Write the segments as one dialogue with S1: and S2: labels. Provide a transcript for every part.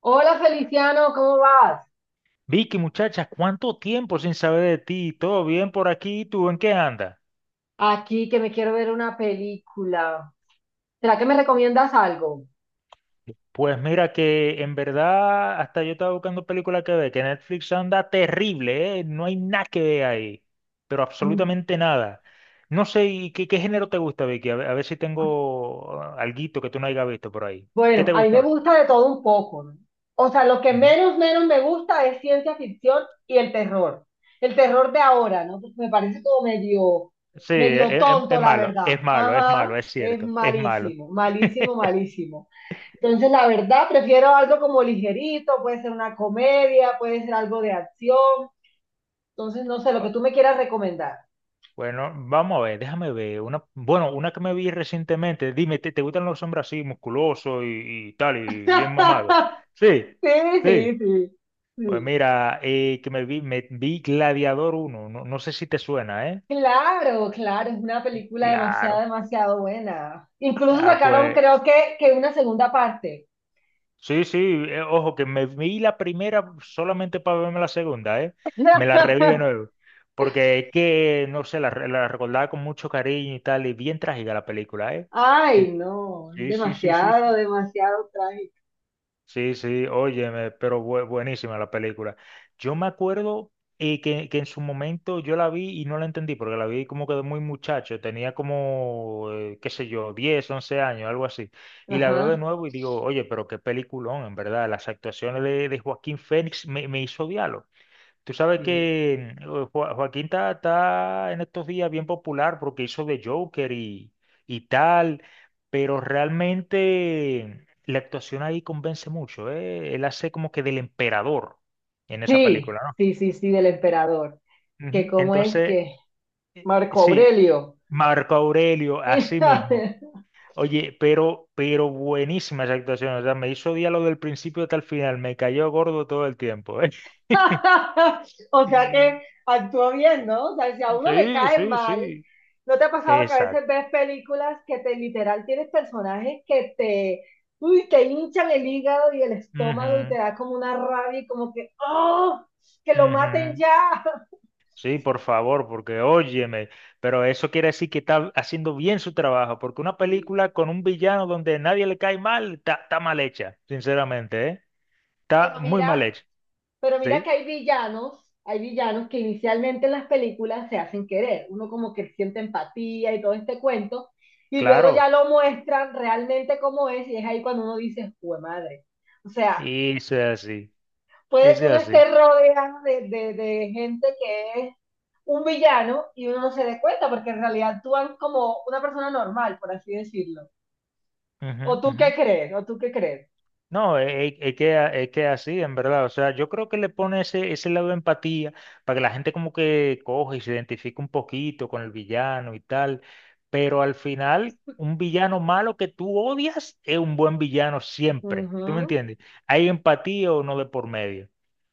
S1: Hola Feliciano, ¿cómo vas?
S2: Vicky, muchacha, ¿cuánto tiempo sin saber de ti? ¿Todo bien por aquí? ¿Tú en qué andas?
S1: Aquí que me quiero ver una película. ¿Será que me recomiendas algo?
S2: Pues mira que en verdad hasta yo estaba buscando películas que ver, que Netflix anda terrible, ¿eh? No hay nada que ver ahí, pero
S1: Mm.
S2: absolutamente nada. No sé, ¿y qué género te gusta, Vicky? A ver si tengo alguito que tú no hayas visto por ahí. ¿Qué
S1: Bueno,
S2: te
S1: a mí
S2: gusta
S1: me
S2: ver?
S1: gusta de todo un poco, ¿no? O sea, lo que
S2: Ujú.
S1: menos me gusta es ciencia ficción y el terror. El terror de ahora, ¿no? Porque me parece como medio,
S2: Sí, es,
S1: medio
S2: es-
S1: tonto,
S2: es
S1: la
S2: malo,
S1: verdad.
S2: es malo, es
S1: Ajá,
S2: malo, es
S1: es
S2: cierto, es malo.
S1: malísimo, malísimo, malísimo. Entonces, la verdad, prefiero algo como ligerito, puede ser una comedia, puede ser algo de acción. Entonces, no sé, lo que tú me quieras recomendar.
S2: Bueno, vamos a ver, déjame ver. Una, bueno, una que me vi recientemente. Dime, ¿te gustan los hombres así, musculosos y tal, y bien mamados? Sí,
S1: Sí,
S2: sí.
S1: sí, sí,
S2: Pues
S1: sí.
S2: mira, que me vi Gladiador uno. No, no sé si te suena, ¿eh?
S1: Claro, claro, es una película demasiado,
S2: Claro.
S1: demasiado buena. Incluso
S2: Ah,
S1: sacaron,
S2: pues
S1: creo que una segunda parte.
S2: sí, sí. Ojo, que me vi la primera solamente para verme la segunda, ¿eh? Me la reví de nuevo. Porque es que, no sé, la recordaba con mucho cariño y tal, y bien trágica la película, ¿eh?
S1: Ay,
S2: Que,
S1: no, es
S2: sí, sí, sí, sí, sí.
S1: demasiado, demasiado trágico.
S2: Sí, sí, óyeme, pero buenísima la película. Yo me acuerdo que en su momento yo la vi y no la entendí, porque la vi como que de muy muchacho, tenía como, qué sé yo, 10, 11 años, algo así. Y la veo
S1: Ajá.
S2: de nuevo y digo, oye, pero qué peliculón, en verdad, las actuaciones de Joaquín Fénix me hizo odiarlo. Tú sabes
S1: Sí,
S2: que Joaquín está en estos días bien popular porque hizo de Joker y tal, pero realmente la actuación ahí convence mucho, ¿eh? Él hace como que del emperador en esa
S1: sí,
S2: película,
S1: sí, sí, sí, del emperador.
S2: ¿no?
S1: Que
S2: Ujú.
S1: cómo es
S2: Entonces,
S1: que Marco
S2: sí,
S1: Aurelio.
S2: Marco Aurelio, así mismo. Oye, pero buenísima esa actuación, o sea, me hizo diálogo del principio hasta el final, me cayó gordo todo el tiempo, ¿eh?
S1: O sea que actúa bien, ¿no? O sea, si a uno le
S2: Sí,
S1: cae
S2: sí,
S1: mal.
S2: sí.
S1: ¿No te ha pasado que a veces
S2: Exacto.
S1: ves películas que te literal tienes personajes que te, uy, te hinchan el hígado y el estómago y te
S2: Ujú,
S1: da como una rabia y como que, ¡oh! ¡Que lo maten
S2: ujú.
S1: ya!
S2: Sí, por favor, porque óyeme, pero eso quiere decir que está haciendo bien su trabajo, porque una
S1: Sí.
S2: película con un villano donde nadie le cae mal, está mal hecha, sinceramente, ¿eh? Está
S1: Pero
S2: muy mal
S1: mira,
S2: hecha,
S1: pero mira que
S2: sí,
S1: hay villanos que inicialmente en las películas se hacen querer. Uno como que siente empatía y todo este cuento, y luego ya
S2: claro,
S1: lo muestran realmente como es, y es ahí cuando uno dice, ¡jue madre! O sea,
S2: y es así,
S1: puede
S2: es
S1: que uno esté
S2: así.
S1: rodeado de, gente que es un villano y uno no se dé cuenta porque en realidad actúan como una persona normal, por así decirlo.
S2: Ujú,
S1: ¿O tú
S2: ujú.
S1: qué crees? ¿O tú qué crees?
S2: No, es que así, en verdad. O sea, yo creo que le pone ese lado de empatía para que la gente como que coge y se identifique un poquito con el villano y tal. Pero al final, un villano malo que tú odias es un buen villano siempre. ¿Tú me
S1: Ujú,
S2: entiendes? Hay empatía o no de por medio.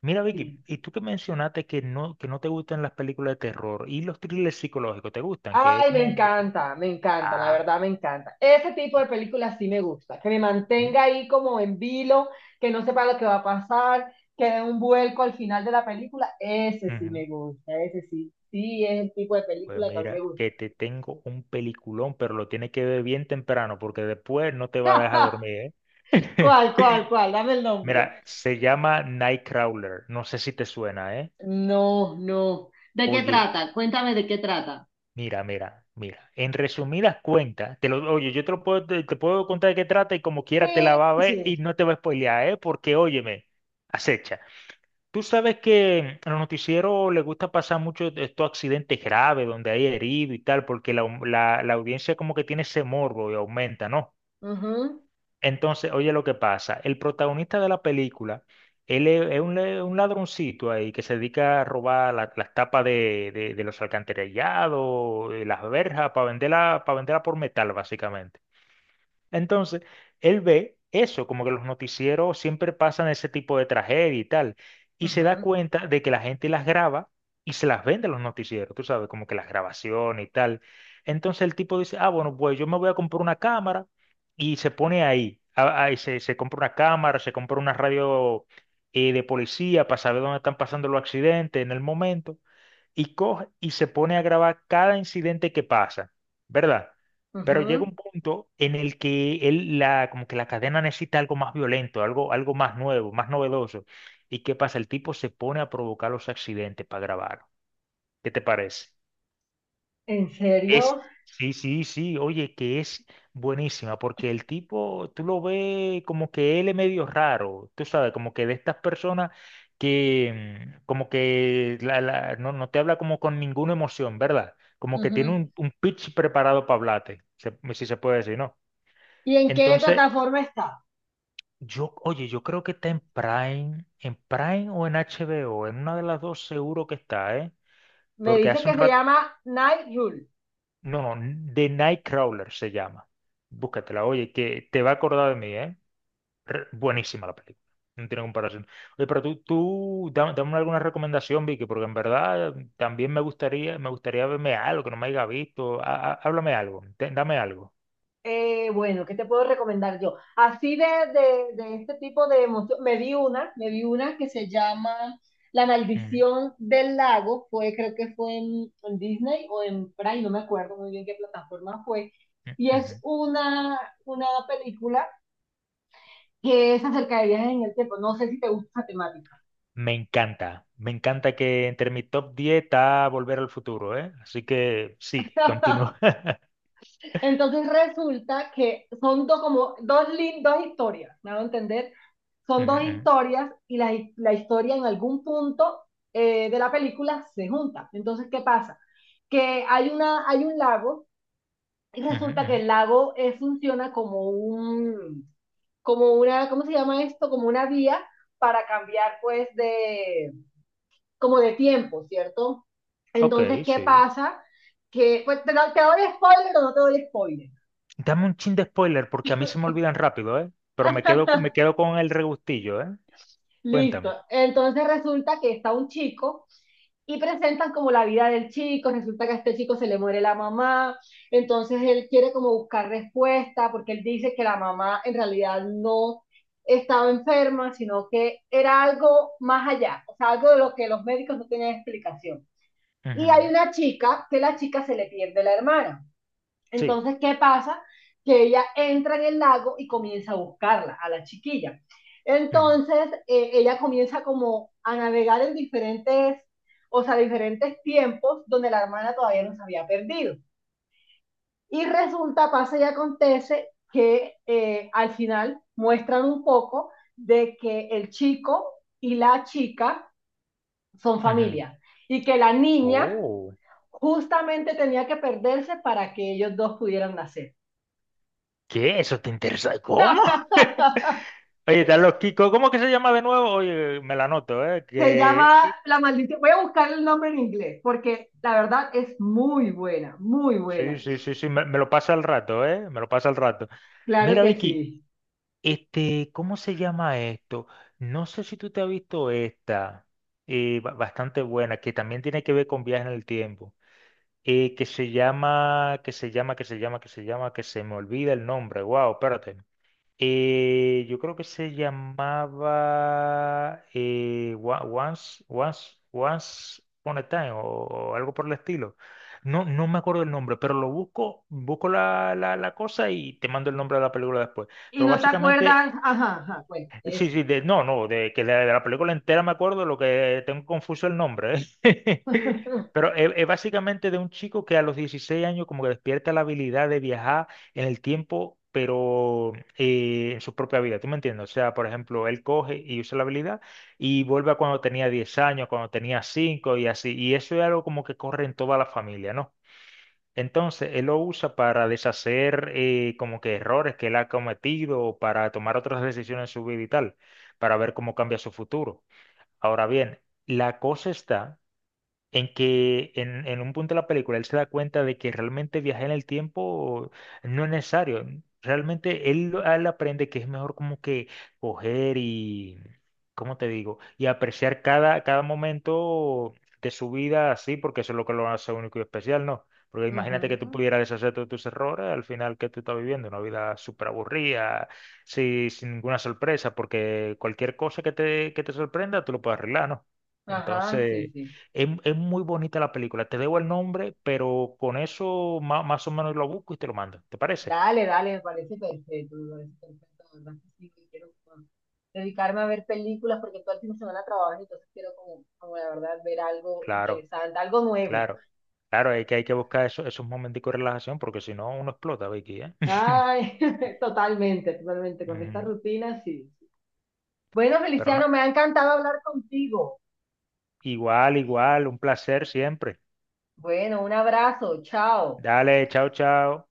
S2: Mira,
S1: sí.
S2: Vicky, y tú que mencionaste que no te gustan las películas de terror y los thrillers psicológicos, ¿te gustan? Que es
S1: Ay,
S2: como...
S1: me encanta, la
S2: Ah,
S1: verdad me encanta. Ese tipo de películas sí me gusta, que me
S2: mi-
S1: mantenga ahí como en vilo, que no sepa lo que va a pasar, que dé un vuelco al final de la película. Ese sí
S2: ujú.
S1: me gusta, ese sí, sí es el tipo de
S2: Pues
S1: película que a mí me
S2: mira, que
S1: gusta.
S2: te tengo un peliculón, pero lo tienes que ver bien temprano porque después no te va a dejar dormir, ¿eh?
S1: ¿Cuál, cuál, cuál? Dame el nombre.
S2: Mira, se llama Nightcrawler, no sé si te suena, ¿eh?
S1: No, no. ¿De qué
S2: Oye,
S1: trata? Cuéntame de qué trata.
S2: mira, mira, mira. En resumidas cuentas, te lo, oye, yo te lo puedo, te puedo contar de qué trata y como quiera te la va a
S1: Sí,
S2: ver
S1: sí.
S2: y no te va a spoilear, ¿eh? Porque óyeme, acecha. Tú sabes que a los noticieros les gusta pasar mucho de estos accidentes graves donde hay herido y tal, porque la audiencia como que tiene ese morbo y aumenta, ¿no?
S1: Ujú,
S2: Entonces, oye lo que pasa. El protagonista de la película, él es un ladroncito ahí que se dedica a robar las tapas de los alcantarillados, de las verjas, para venderla por metal, básicamente. Entonces, él ve eso, como que los noticieros siempre pasan ese tipo de tragedia y tal, y se da
S1: ujú,
S2: cuenta de que la gente las graba y se las vende a los noticieros, tú sabes, como que las grabaciones y tal. Entonces el tipo dice, ah, bueno, pues yo me voy a comprar una cámara y se pone ahí, ahí se compra una cámara, se compra una radio de policía para saber dónde están pasando los accidentes en el momento y coge y se pone a grabar cada incidente que pasa, ¿verdad? Pero llega
S1: ujú.
S2: un punto en el que él, la, como que la cadena necesita algo más violento, algo más nuevo, más novedoso. ¿Y qué pasa? El tipo se pone a provocar los accidentes para grabar. ¿Qué te parece?
S1: ¿En
S2: Es,
S1: serio?
S2: sí, sí, sí, oye, que es buenísima, porque el tipo, tú lo ves como que él es medio raro, tú sabes, como que de estas personas que, como que no, no te habla como con ninguna emoción, ¿verdad? Como que tiene
S1: Ujú.
S2: un pitch preparado para hablarte, si se puede decir, ¿no?
S1: ¿Y en qué
S2: Entonces,
S1: plataforma está?
S2: yo, oye, yo creo que está en Prime o en HBO, en una de las dos seguro que está, ¿eh?
S1: Me
S2: Porque
S1: dice
S2: hace un
S1: que se
S2: rato...
S1: llama Night Rule.
S2: No, no, The Nightcrawler se llama. Búscatela, oye, que te va a acordar de mí, ¿eh? Buenísima la película. No tiene comparación. Oye, pero tú, dame alguna recomendación, Vicky, porque en verdad también me gustaría verme algo que no me haya visto. Háblame algo, dame algo.
S1: Bueno, ¿qué te puedo recomendar yo? Así de, de este tipo de emoción, me vi una que se llama La
S2: Mm,
S1: Maldición del Lago, fue, creo que fue en, Disney o en Prime, no me acuerdo muy bien qué plataforma fue,
S2: mm,
S1: y
S2: ujú.
S1: es una película que es acerca de viajes en el tiempo, no sé si te gusta esa temática.
S2: Me encanta que entre mi top 10 está Volver al Futuro, ¿eh? Así que sí, continúa.
S1: Entonces resulta que son dos, como, dos, lin- dos historias, ¿me hago entender? Son dos
S2: Ujú,
S1: historias y la historia en algún punto de la película se junta. Entonces, ¿qué pasa? Que hay un lago y
S2: ujú,
S1: resulta
S2: ujú,
S1: que
S2: ujú.
S1: el lago funciona como una, ¿cómo se llama esto? Como una vía para cambiar pues de, como de tiempo, ¿cierto?
S2: Ok,
S1: Entonces, ¿qué
S2: sí.
S1: pasa? Que, pues, te doy spoiler o no te doy spoiler.
S2: Dame un chin de spoiler porque a mí se me olvidan rápido, ¿eh? Pero me quedo con el regustillo, ¿eh?
S1: Listo.
S2: Cuéntame.
S1: Entonces resulta que está un chico y presentan como la vida del chico. Resulta que a este chico se le muere la mamá. Entonces él quiere como buscar respuesta porque él dice que la mamá en realidad no estaba enferma, sino que era algo más allá, o sea, algo de lo que los médicos no tenían explicación. Y hay
S2: Ujú.
S1: una chica que la chica se le pierde la hermana.
S2: Sí.
S1: Entonces, ¿qué pasa? Que ella entra en el lago y comienza a buscarla, a la chiquilla.
S2: Ujú,
S1: Entonces, ella comienza como a navegar en diferentes, o sea, diferentes tiempos donde la hermana todavía no se había perdido. Y resulta, pasa y acontece que al final muestran un poco de que el chico y la chica son
S2: ujú.
S1: familia y que la niña
S2: Oh,
S1: justamente tenía que perderse para que ellos dos pudieran nacer.
S2: ¿qué? ¿Eso te interesa? ¿Cómo?
S1: ¡Ja!
S2: Oye, están los Kiko. ¿Cómo que se llama de nuevo? Oye, me la anoto, ¿eh?
S1: Se
S2: Que...
S1: llama La Maldición. Voy a buscar el nombre en inglés porque la verdad es muy buena, muy
S2: Sí,
S1: buena.
S2: sí, sí, sí, me lo pasa al rato, ¿eh? Me lo pasa al rato.
S1: Claro
S2: Mira,
S1: que
S2: Vicky,
S1: sí.
S2: este, ¿cómo se llama esto? No sé si tú te has visto esta, bastante buena, que también tiene que ver con viajes en el tiempo. Que se llama, que se me olvida el nombre. Wow, espérate. Yo creo que se llamaba Once Upon a Time o algo por el estilo. No, no me acuerdo el nombre, pero lo busco la cosa y te mando el nombre de la película después.
S1: Y
S2: Pero
S1: no te
S2: básicamente.
S1: acuerdas, ajá, ajá, bueno,
S2: Sí,
S1: eso.
S2: sí, de, no, no, de que de la película entera me acuerdo, lo que tengo confuso el nombre, ¿eh? Pero es básicamente de un chico que a los 16 años como que despierta la habilidad de viajar en el tiempo, pero en su propia vida, ¿tú me entiendes? O sea, por ejemplo, él coge y usa la habilidad y vuelve a cuando tenía 10 años, cuando tenía 5 y así, y eso es algo como que corre en toda la familia, ¿no? Entonces, él lo usa para deshacer como que errores que él ha cometido o para tomar otras decisiones en su vida y tal, para ver cómo cambia su futuro. Ahora bien, la cosa está en que en, un punto de la película él se da cuenta de que realmente viajar en el tiempo no es necesario. Realmente él aprende que es mejor como que coger y, ¿cómo te digo? Y apreciar cada momento de su vida así, porque eso es lo que lo hace único y especial, ¿no? Porque imagínate que tú
S1: Ujú,
S2: pudieras deshacerte de tus errores, al final que tú estás viviendo una vida súper aburrida, sí, sin ninguna sorpresa, porque cualquier cosa que te sorprenda, tú lo puedes arreglar, ¿no?
S1: ajá, sí,
S2: Entonces...
S1: sí.
S2: Es muy bonita la película. Te debo el nombre, pero con eso más o menos lo busco y te lo mando. ¿Te parece?
S1: Dale, dale, me parece perfecto, me parece perfecto. La verdad que sí, que quiero como, dedicarme a ver películas porque todo el fin de semana trabajo, entonces quiero como, como la verdad ver algo
S2: Claro,
S1: interesante, algo nuevo.
S2: claro. Claro, hay que buscar esos momenticos de relajación porque si no uno explota, Vicky, ¿eh?
S1: Ay, totalmente, totalmente, con esta
S2: Ujú.
S1: rutina sí. Bueno,
S2: Pero no,
S1: Feliciano, me ha encantado hablar contigo.
S2: igual, igual, un placer siempre.
S1: Bueno, un abrazo, chao.
S2: Dale, chao, chao.